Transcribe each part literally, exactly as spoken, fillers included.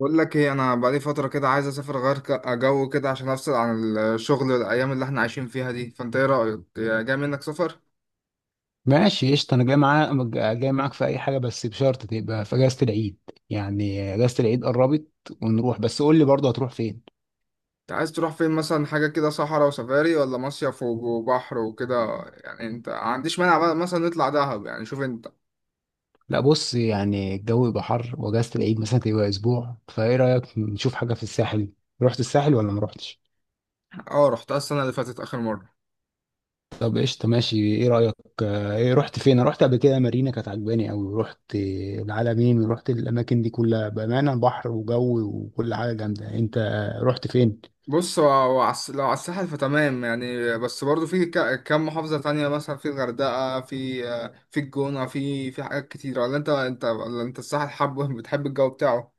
بقول لك ايه؟ انا بقالي فتره كده عايز اسافر غير ك- جو كده عشان افصل عن الشغل الايام اللي احنا عايشين فيها دي، فانت ايه رايك؟ يا جاي منك سفر. ماشي، قشطة. أنا جاي معاك. جاي معاك في أي حاجة بس بشرط تبقى في أجازة العيد. يعني أجازة العيد قربت ونروح. بس قول لي برضه هتروح فين؟ انت عايز تروح فين مثلا؟ حاجه كده صحراء وسفاري، ولا مصيف وب- وبحر وكده؟ يعني انت ما عنديش مانع بقى مثلا نطلع دهب؟ يعني شوف انت. لا بص، يعني الجو يبقى حر وأجازة العيد مثلا تبقى أسبوع، فإيه رأيك نشوف حاجة في الساحل؟ رحت الساحل ولا ما رحتش؟ اه، رحتها السنه اللي فاتت اخر مره. طب قشطة، ماشي. إيه رأيك؟ آه، إيه، رحت فين؟ أنا رحت قبل كده مارينا، كانت عجباني أوي. رحت العلمين ورحت الأماكن دي كلها، بأمانة بحر وجو وكل حاجة جامدة. أنت رحت فين؟ بص، هو- هو عس- لو على الساحل فتمام يعني، بس برضو في ك- كام محافظه تانية. مثلا في الغردقه، في في الجونه، في في حاجات كتير. ولا انت انت ولا انت الساحل حابه؟ بتحب الجو بتاعه؟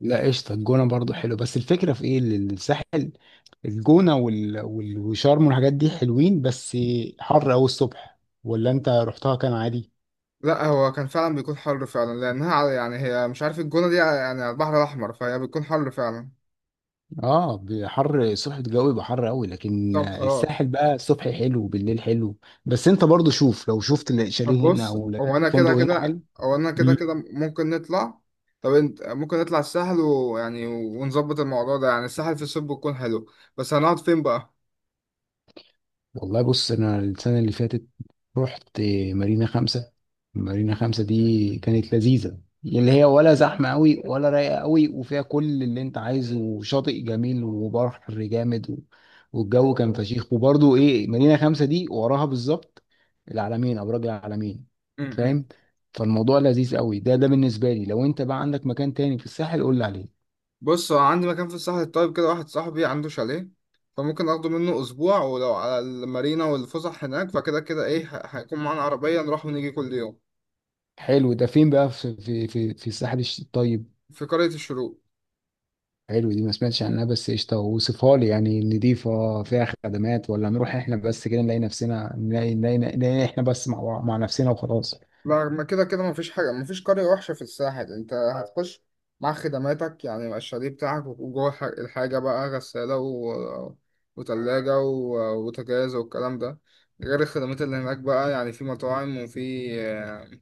لا قشطة، الجونة برضو حلو، بس الفكرة في ايه، ال- الساحل، الجونة وال... وال... وشرم والحاجات دي حلوين، بس حر أوي الصبح. ولا انت رحتها كان عادي؟ لا، هو كان فعلا بيكون حر فعلا، لأنها على- يعني هي، مش عارف، الجونة دي يعني على البحر الأحمر، فهي بتكون حر فعلا. اه، بحر الصبح الجو يبقى حر قوي، لكن طب خلاص. الساحل بقى الصبح حلو، بالليل حلو. بس انت برضو شوف، لو شفت طب شاليه هنا بص، او لقيت هو أنا فندق كده هنا كده، حلو. هو أنا كده كده ممكن نطلع. طب انت ممكن نطلع الساحل، ويعني ونظبط الموضوع ده. يعني الساحل في الصيف بيكون حلو. بس هنقعد فين بقى؟ والله بص، انا السنه اللي فاتت رحت مارينا خمسة. مارينا خمسة دي كانت لذيذه، اللي هي ولا زحمه قوي ولا رايقه قوي، وفيها كل اللي انت عايزه، وشاطئ جميل وبحر جامد و... والجو كان فشيخ. وبرضه ايه، مارينا خمسة دي وراها بالظبط العلمين، ابراج العلمين. م-م. فاهم؟ فالموضوع لذيذ قوي ده، ده بالنسبه لي. لو انت بقى عندك مكان تاني في الساحل قول لي عليه. بص، هو عندي مكان في الساحل الطيب كده. واحد صاحبي عنده شاليه، فممكن اخده منه اسبوع. ولو على المارينا والفسح هناك فكده كده ايه، ه- هيكون معانا عربية نروح ونيجي كل يوم. حلو. ده فين بقى؟ في في في, في الساحل، الش- الطيب. في قرية الشروق. حلو، دي ما سمعتش عنها. بس قشطة، وصفها لي يعني، نضيفة، فيها خدمات، ولا نروح احنا بس كده نلاقي نفسنا، نلاقي نلاقي, نلاقي احنا بس مع بعض- مع نفسنا وخلاص؟ ما ما كده كده مفيش حاجة، مفيش قرية وحشة في الساحل. انت هتخش مع خدماتك يعني، مع الشاليه بتاعك، وجوه ح- الحاجة بقى، غسالة، و... وتلاجة، و... وتجهيز والكلام ده، غير الخدمات اللي هناك بقى، يعني في مطاعم، وفي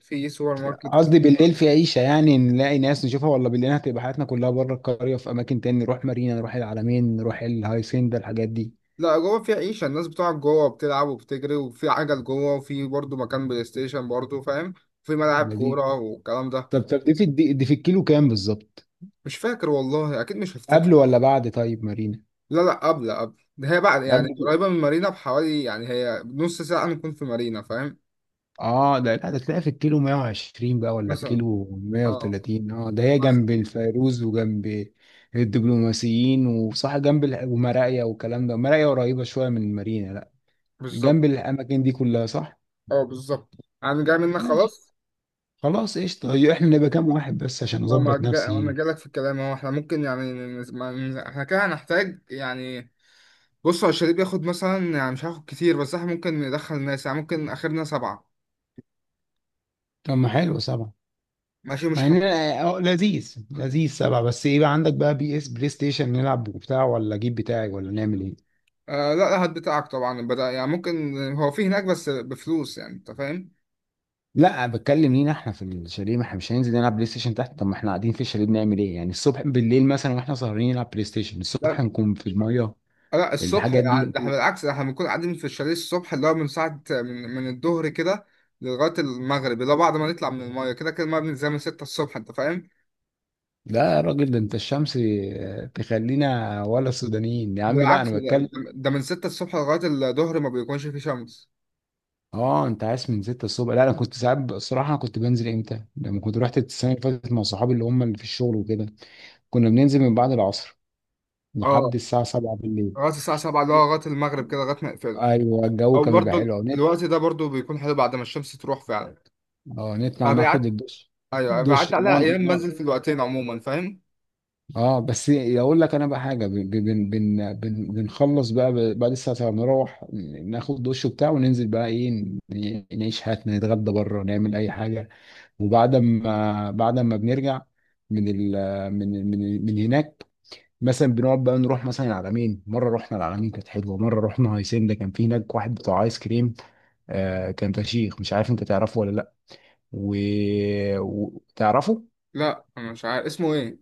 في سوبر ماركت قصدي كتير. بالليل في عيشة، يعني نلاقي ناس نشوفها، ولا بالليل هتبقى حياتنا كلها بره القرية، في أماكن تاني نروح مارينا، نروح العلمين، نروح الهايسندا الحاجات دي؟ لا، جوه في عيشة، الناس بتقعد جوه بتلعب وبتجري، وفي عجل جوه، وفي برضه مكان بلاي ستيشن برضه، فاهم؟ في ملاعب لذيذ. كورة والكلام ده. طب طب دي في، دي, دي في الكيلو كام بالظبط؟ مش فاكر والله، أكيد مش هفتكر. قبل ولا بعد طيب مارينا؟ لا لا، قبل قبل ده. هي بعد يعني، قبل. قريبة من مارينا بحوالي يعني، هي نص ساعة نكون في مارينا، فاهم؟ اه ده، لا ده تلاقي في الكيلو مائة وعشرين بقى ولا مثلا. الكيلو اه مائة وثلاثين. اه ده هي مثلا. جنب الفيروز وجنب الدبلوماسيين، وصح جنب ال- ومراقيا والكلام ده. مراقيا قريبة شوية من المارينا، لا بالظبط. جنب الأماكن دي كلها، صح؟ اه، بالظبط. انا جاي منك ماشي. خلاص. خلاص قشطة، هي احنا نبقى كام واحد بس عشان ما ما أظبط جا- انا نفسي؟ جاي لك في الكلام اهو. احنا ممكن يعني، نز- ما- نز- احنا كده هنحتاج يعني. بص، هو الشاليه بياخد مثلا، يعني مش هاخد كتير، بس احنا ممكن ندخل ناس، يعني ممكن اخرنا سبعة. طب ما حلو سبعة. ماشي مش مع حد. إن أنا- اه لذيذ، لذيذ سبعة. بس ايه بقى عندك بقى بي اس، بلاي ستيشن نلعب وبتاع، ولا أجيب بتاعي، ولا نعمل ايه؟ آه لا لا، هات بتاعك طبعا. بدأ يعني، ممكن هو في هناك بس بفلوس، يعني انت فاهم. لا، بتكلم لينا احنا في الشاليه. ما احنا مش هننزل نلعب بلاي ستيشن تحت. طب ما احنا قاعدين في الشاليه بنعمل ايه يعني الصبح، بالليل مثلا واحنا سهرانين نلعب بلاي ستيشن، الصبح لا. نكون في الميه، آه، لا الصبح الحاجات دي. يعني، ده احنا بالعكس، ده احنا بنكون قاعدين في الشاليه الصبح، اللي هو من ساعة من, من الظهر كده، لغاية المغرب اللي هو بعد ما نطلع من المايه. كده كده المايه بننزل من ستة الصبح، انت فاهم؟ لا يا راجل، ده انت الشمس آه، تخلينا ولا السودانيين يا عم. لا بالعكس، انا ده, بتكلم. ده ده من ستة الصبح لغاية الظهر ما بيكونش فيه شمس. اه، انت عايز من ستة الصبح؟ لا انا كنت ساعات ب- الصراحه انا كنت بنزل امتى، لما كنت رحت السنه اللي فاتت مع صحابي، اللي هم اللي في الشغل وكده، كنا بننزل من بعد العصر اه، لحد الساعه سبعة بالليل. لغاية الساعة سبعة، اللي هو لغاية المغرب كده، لغاية ما يقفلوا. ايوه، الجو او كان بيبقى برضه حلو. الوقت ده برضه بيكون حلو بعد ما الشمس تروح فعلا. اه نطلع ناخد فبيعت. الدش، ايوه، بيعدي دش، عليها نقعد ايام نقعد. بنزل في الوقتين عموما، فاهم؟ اه بس اقول لك انا بقى حاجه، بن بن بن بن بنخلص بقى ب- بعد الساعه نروح ناخد دش وبتاع، وننزل بقى ايه، ن- نعيش حياتنا، نتغدى بره، نعمل اي حاجه. وبعد ما، بعد ما بنرجع من ال من من من هناك، مثلا بنقعد بقى نروح مثلا العلمين. مره رحنا العلمين كانت حلوه، مره رحنا هيسنده، كان في هناك واحد بتاع ايس كريم، آه كان فشيخ. مش عارف انت تعرفه ولا لا و... وتعرفه. لا، انا مش عارف اسمه ايه؟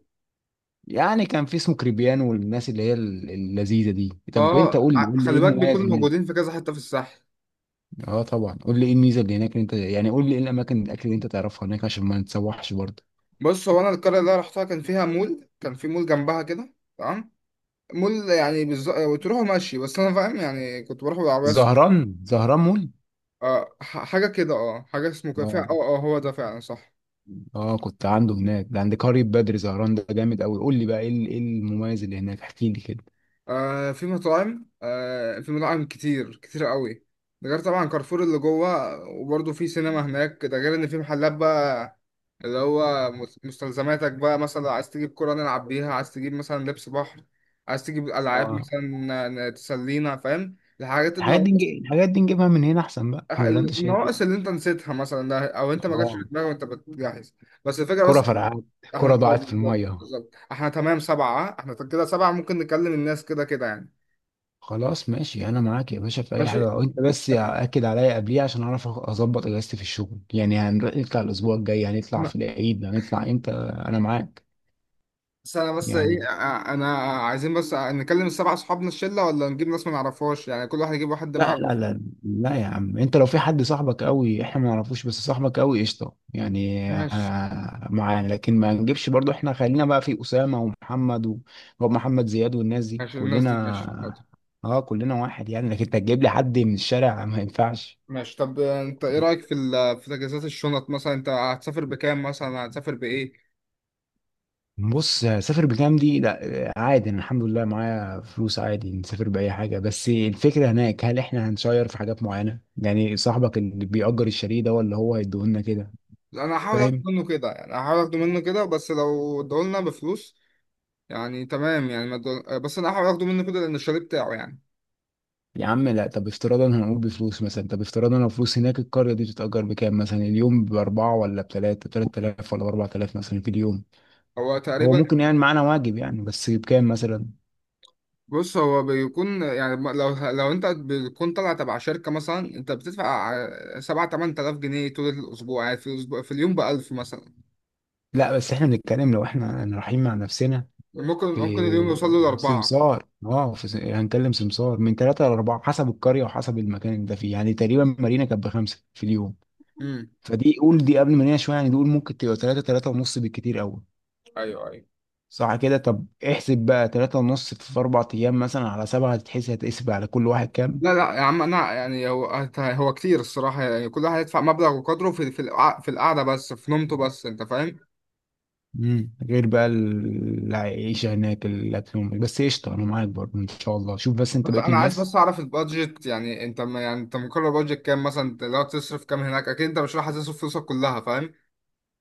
يعني كان في اسمه كريبيانو، والناس اللي هي ال- اللذيذه دي. طب انت اه، قول لي، ع- قول لي ايه خلي بالك المميز بيكونوا موجودين هناك؟ في كذا حتة في الساحل. اه طبعا قول لي ايه الميزه اللي هناك، اللي انت يعني قول لي ايه الاماكن، الاكل اللي انت تعرفها هناك عشان ما نتسوحش برضه. بص، هو انا القريه اللي أنا رحتها كان فيها مول، كان في مول جنبها كده، تمام؟ مول يعني بالظبط تروحوا ماشي، بس انا فاهم يعني، كنت بروح بالعربيه س- زهران. زهران مول. آه، ح- حاجه كده. اه حاجه اسمه كده، فيها، اه، اه اه هو ده فعلا، صح. اه كنت عنده هناك، ده عند قرية بدر. زهران ده جامد قوي. قول لي بقى ايه ال- ايه المميز اللي هناك، احكي لي كده. آه في مطاعم آه في مطاعم كتير كتير قوي. ده غير طبعا كارفور اللي جوه، وبرضه في سينما هناك. ده غير ان في محلات بقى، اللي هو مس- مستلزماتك بقى. مثلا عايز تجيب كرة نلعب بيها، عايز تجيب مثلا لبس بحر، عايز تجيب ألعاب اه. مثلا، ن- تسلينا، فاهم؟ الحاجات الحاجات دي النواقص، نجي- الحاجات دي نجيبها من هنا احسن بقى، ولا انت شايف النواقص ايه؟ اللي انت نسيتها مثلا ده، او انت ما جاتش في اه دماغك وانت بتجهز. بس الفكرة كرة بس. فرقعت، احنا، كرة اه ضاعت في بالظبط الميه. بالظبط، احنا تمام سبعة، اه؟ احنا كده سبعة، ممكن نكلم الناس كده كده يعني. خلاص ماشي، انا معاك يا باشا في اي ماشي. حاجه، وانت بس يا- اكد عليا قبليها عشان اعرف أخ- اظبط اجازتي في الشغل، يعني هنروح نطلع الاسبوع الجاي، هنطلع انا في العيد، هنطلع امتى؟ انا معاك. بس، انا بس يعني ايه ع- انا عايزين بس نكلم السبع اصحابنا الشله، ولا نجيب ناس ما نعرفهاش؟ يعني كل واحد يجيب واحد لا مع. لا لا لا يا عم، انت لو في حد صاحبك قوي احنا ما نعرفوش، بس صاحبك قوي قشطه، يعني ماشي آه، معانا. لكن ما نجيبش برضو، احنا خلينا بقى في اسامه ومحمد و- ومحمد زياد والناس دي ماشي، الناس دي ماشي، حاضر. كلنا. اه كلنا واحد يعني. لكن انت تجيب لي حد من الشارع ما ينفعش. ماشي. طب انت ايه رايك في ال... في تجهيزات الشنط مثلا؟ انت هتسافر بكام مثلا؟ هتسافر بايه؟ بص، سافر بكام دي، لا عادي أنا الحمد لله معايا فلوس، عادي نسافر بأي حاجة. بس الفكرة هناك، هل احنا هنشير في حاجات معينة يعني، صاحبك اللي بيأجر الشاليه ده ولا هو هيديهولنا كده؟ انا هحاول اخد فاهم. منه كده يعني، هحاول اخده منه كده. بس لو ادولنا بفلوس يعني تمام يعني، ما ادول- بس انا هحاول اخده منه كده، لان الشاليه بتاعه يعني. يا عم لا، طب افتراضا هنقول بفلوس مثلا، طب افتراضا لو فلوس، هناك القرية دي بتتأجر بكام مثلا اليوم؟ بأربعة، ولا بتلاتة، تلات آلاف ولا بأربع آلاف مثلا في اليوم؟ هو هو تقريبا. ممكن يعني معانا واجب يعني، بس بكام مثلا؟ بص، هو بيكون يعني، م- لو لو انت بتكون طالع تبع شركة مثلا، انت بتدفع ع- سبعة تمن تلاف جنيه طول الأسبوع يعني، في الأسبوع، في اليوم بألف مثلا. لا بس احنا بنتكلم لو احنا رايحين مع نفسنا. ممكن في ممكن اليوم يوصل له لأربعة. سمسار، اه في س... هنكلم سمسار، من ثلاثة لأربعة حسب القرية وحسب المكان اللي انت فيه يعني. تقريبا مارينا كانت بخمسة في اليوم، امم. فدي قول دي قبل مارينا شوية، يعني دي قول ممكن تبقى ثلاثة، ثلاثة ونص بالكتير أوي. ايوه ايوه. صح كده؟ طب احسب بقى ثلاثة ونص في أربع أيام مثلا على سبعة، هتتحسب هتقسم على كل واحد كام؟ لا لا يا عم، أنا يعني، هو هو كتير الصراحة يعني، كل واحد يدفع مبلغ وقدره في في القع- في القعدة بس، في نومته بس، أنت فاهم. مم. غير بقى ال- العيشة هناك، الأكل والم- بس قشطة أنا معاك برضه إن شاء الله. شوف بس أنت بس بقيت أنا عايز الناس. بس أعرف البادجت. يعني أنت ما- يعني أنت مقرر بادجت كام مثلا؟ أنت لو تصرف كام هناك؟ أكيد أنت مش رايح تصرف فلوسك كلها.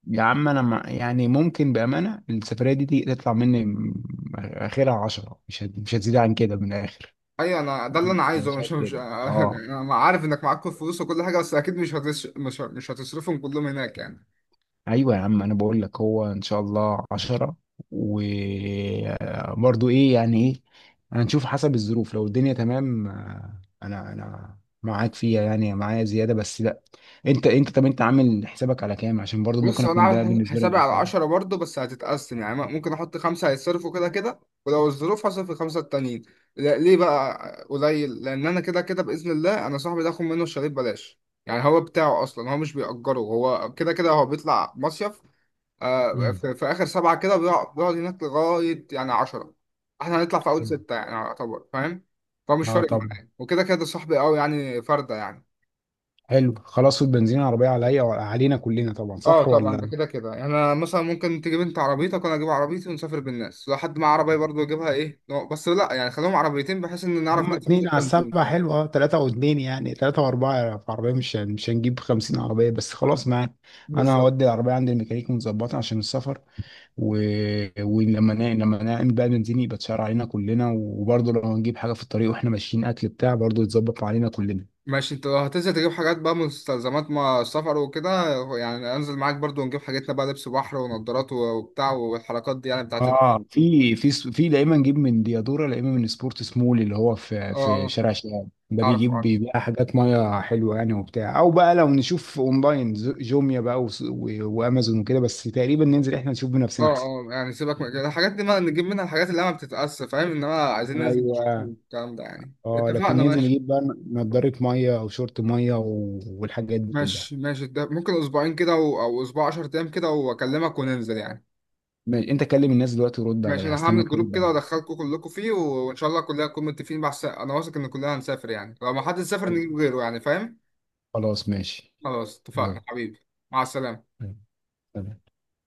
يا عم انا ما يعني، ممكن بامانه السفريه دي تي- تطلع مني م- اخرها عشرة، مش هت- مش هتزيد عن كده من الاخر. ايوه، انا ده اللي انا أنا عايزه. مش شايف مش كده. اه انا عارف انك معاك كل فلوس وكل حاجه، بس اكيد مش هتص... مش مش هتصرفهم كلهم هناك يعني. ايوه يا عم، انا بقول لك هو ان شاء الله عشرة، وبرضو ايه يعني ايه، هنشوف حسب الظروف. لو الدنيا تمام آه، انا، انا معاك فيها يعني، معايا زياده. بس لا، انت انت طب انت عامل حسابك على كام؟ عشان برضو بص، ممكن هو انا اكون ده عامل بالنسبه لي حسابي على مساعد. عشرة برضه، بس هتتقسم يعني. ممكن احط خمسه هيتصرفوا كده كده، ولو الظروف هصرف الخمسه التانيين. لا- ليه بقى؟ قليل، لان انا كده كده باذن الله، انا صاحبي ده اخد منه الشاليه ببلاش، يعني هو بتاعه اصلا، هو مش بيأجره، هو كده كده هو بيطلع مصيف. آه، امم. في, في اخر سبعه كده بيقع- بيقعد هناك لغايه يعني عشرة. احنا هنطلع في اول حلو. سته يعني، يعتبر فاهم. فمش اه فارق طبعا. معايا، وكده كده صاحبي قوي يعني، فرده يعني. حلو، خلاص. والبنزين العربية عليا، علينا كلنا طبعا، اه صح طبعا، ده ولا؟ كده كده يعني. انا مثلا ممكن تجيب انت عربيتك، وانا اجيب عربيتي، ونسافر بالناس. لو حد معاه عربيه برضه يجيبها، ايه نوع- بس لا يعني، خليهم عربيتين بحيث ان نعرف هم ندفع اتنين فلوس على بنزين السبعة، يعني. حلو. اه، تلاتة واتنين يعني، تلاتة واربعة في عربية. مش هن- مش هنجيب خمسين عربية، بس خلاص معاك. انا بالظبط. هودي العربية عند الميكانيك متظبطة عشان السفر و... ولما نا... لما نعمل بقى بنزين يبقى اتشال علينا كلنا. وبرضه لو هنجيب حاجة في الطريق واحنا ماشيين، اكل بتاع، برضه يتظبط علينا كلنا. ماشي. انت لو هتنزل تجيب حاجات بقى، مستلزمات ما السفر وكده، يعني انزل معاك برضو، ونجيب حاجتنا بقى، لبس بحر ونضارات وبتاع، والحركات دي يعني بتاعت ال- اه، في في س- في دايما نجيب من ديادوره، دايما من سبورت سمول، اللي هو في اه. في آه. شارع شباب، ده اعرف بيجيب اعرف. بيبيع حاجات ميه حلوه يعني وبتاع، او بقى لو نشوف اونلاين، ز- جوميا بقى وس- و- وامازون وكده. بس تقريبا ننزل احنا نشوف بنفسنا اه احسن. اه، يعني سيبك من كده، الحاجات دي ما نجيب منها الحاجات اللي ما بتتقاس، فاهم؟ انما عايزين ننزل ايوه. نشوف الكلام ده يعني. اه لكن اتفقنا بالظبط، ننزل ماشي. نجيب بقى نضاره ميه او شورت ميه و- والحاجات دي كلها. ماشي ماشي، ده ممكن اسبوعين كده و- او اسبوع 10 ايام كده، واكلمك وننزل يعني. ماشي. انت كلم الناس دلوقتي ورد ماشي. عليا، انا هستنى هعمل جروب ترد كده، عليا. وادخلكم كلكم فيه، وان شاء الله كلنا نكون متفقين. بس انا واثق ان كلنا هنسافر يعني، لو ما حد سافر نجيب طيب. غيره يعني، فاهم؟ خلاص ماشي. خلاص، اتفقنا يلا. حبيبي. مع السلامة. سلام.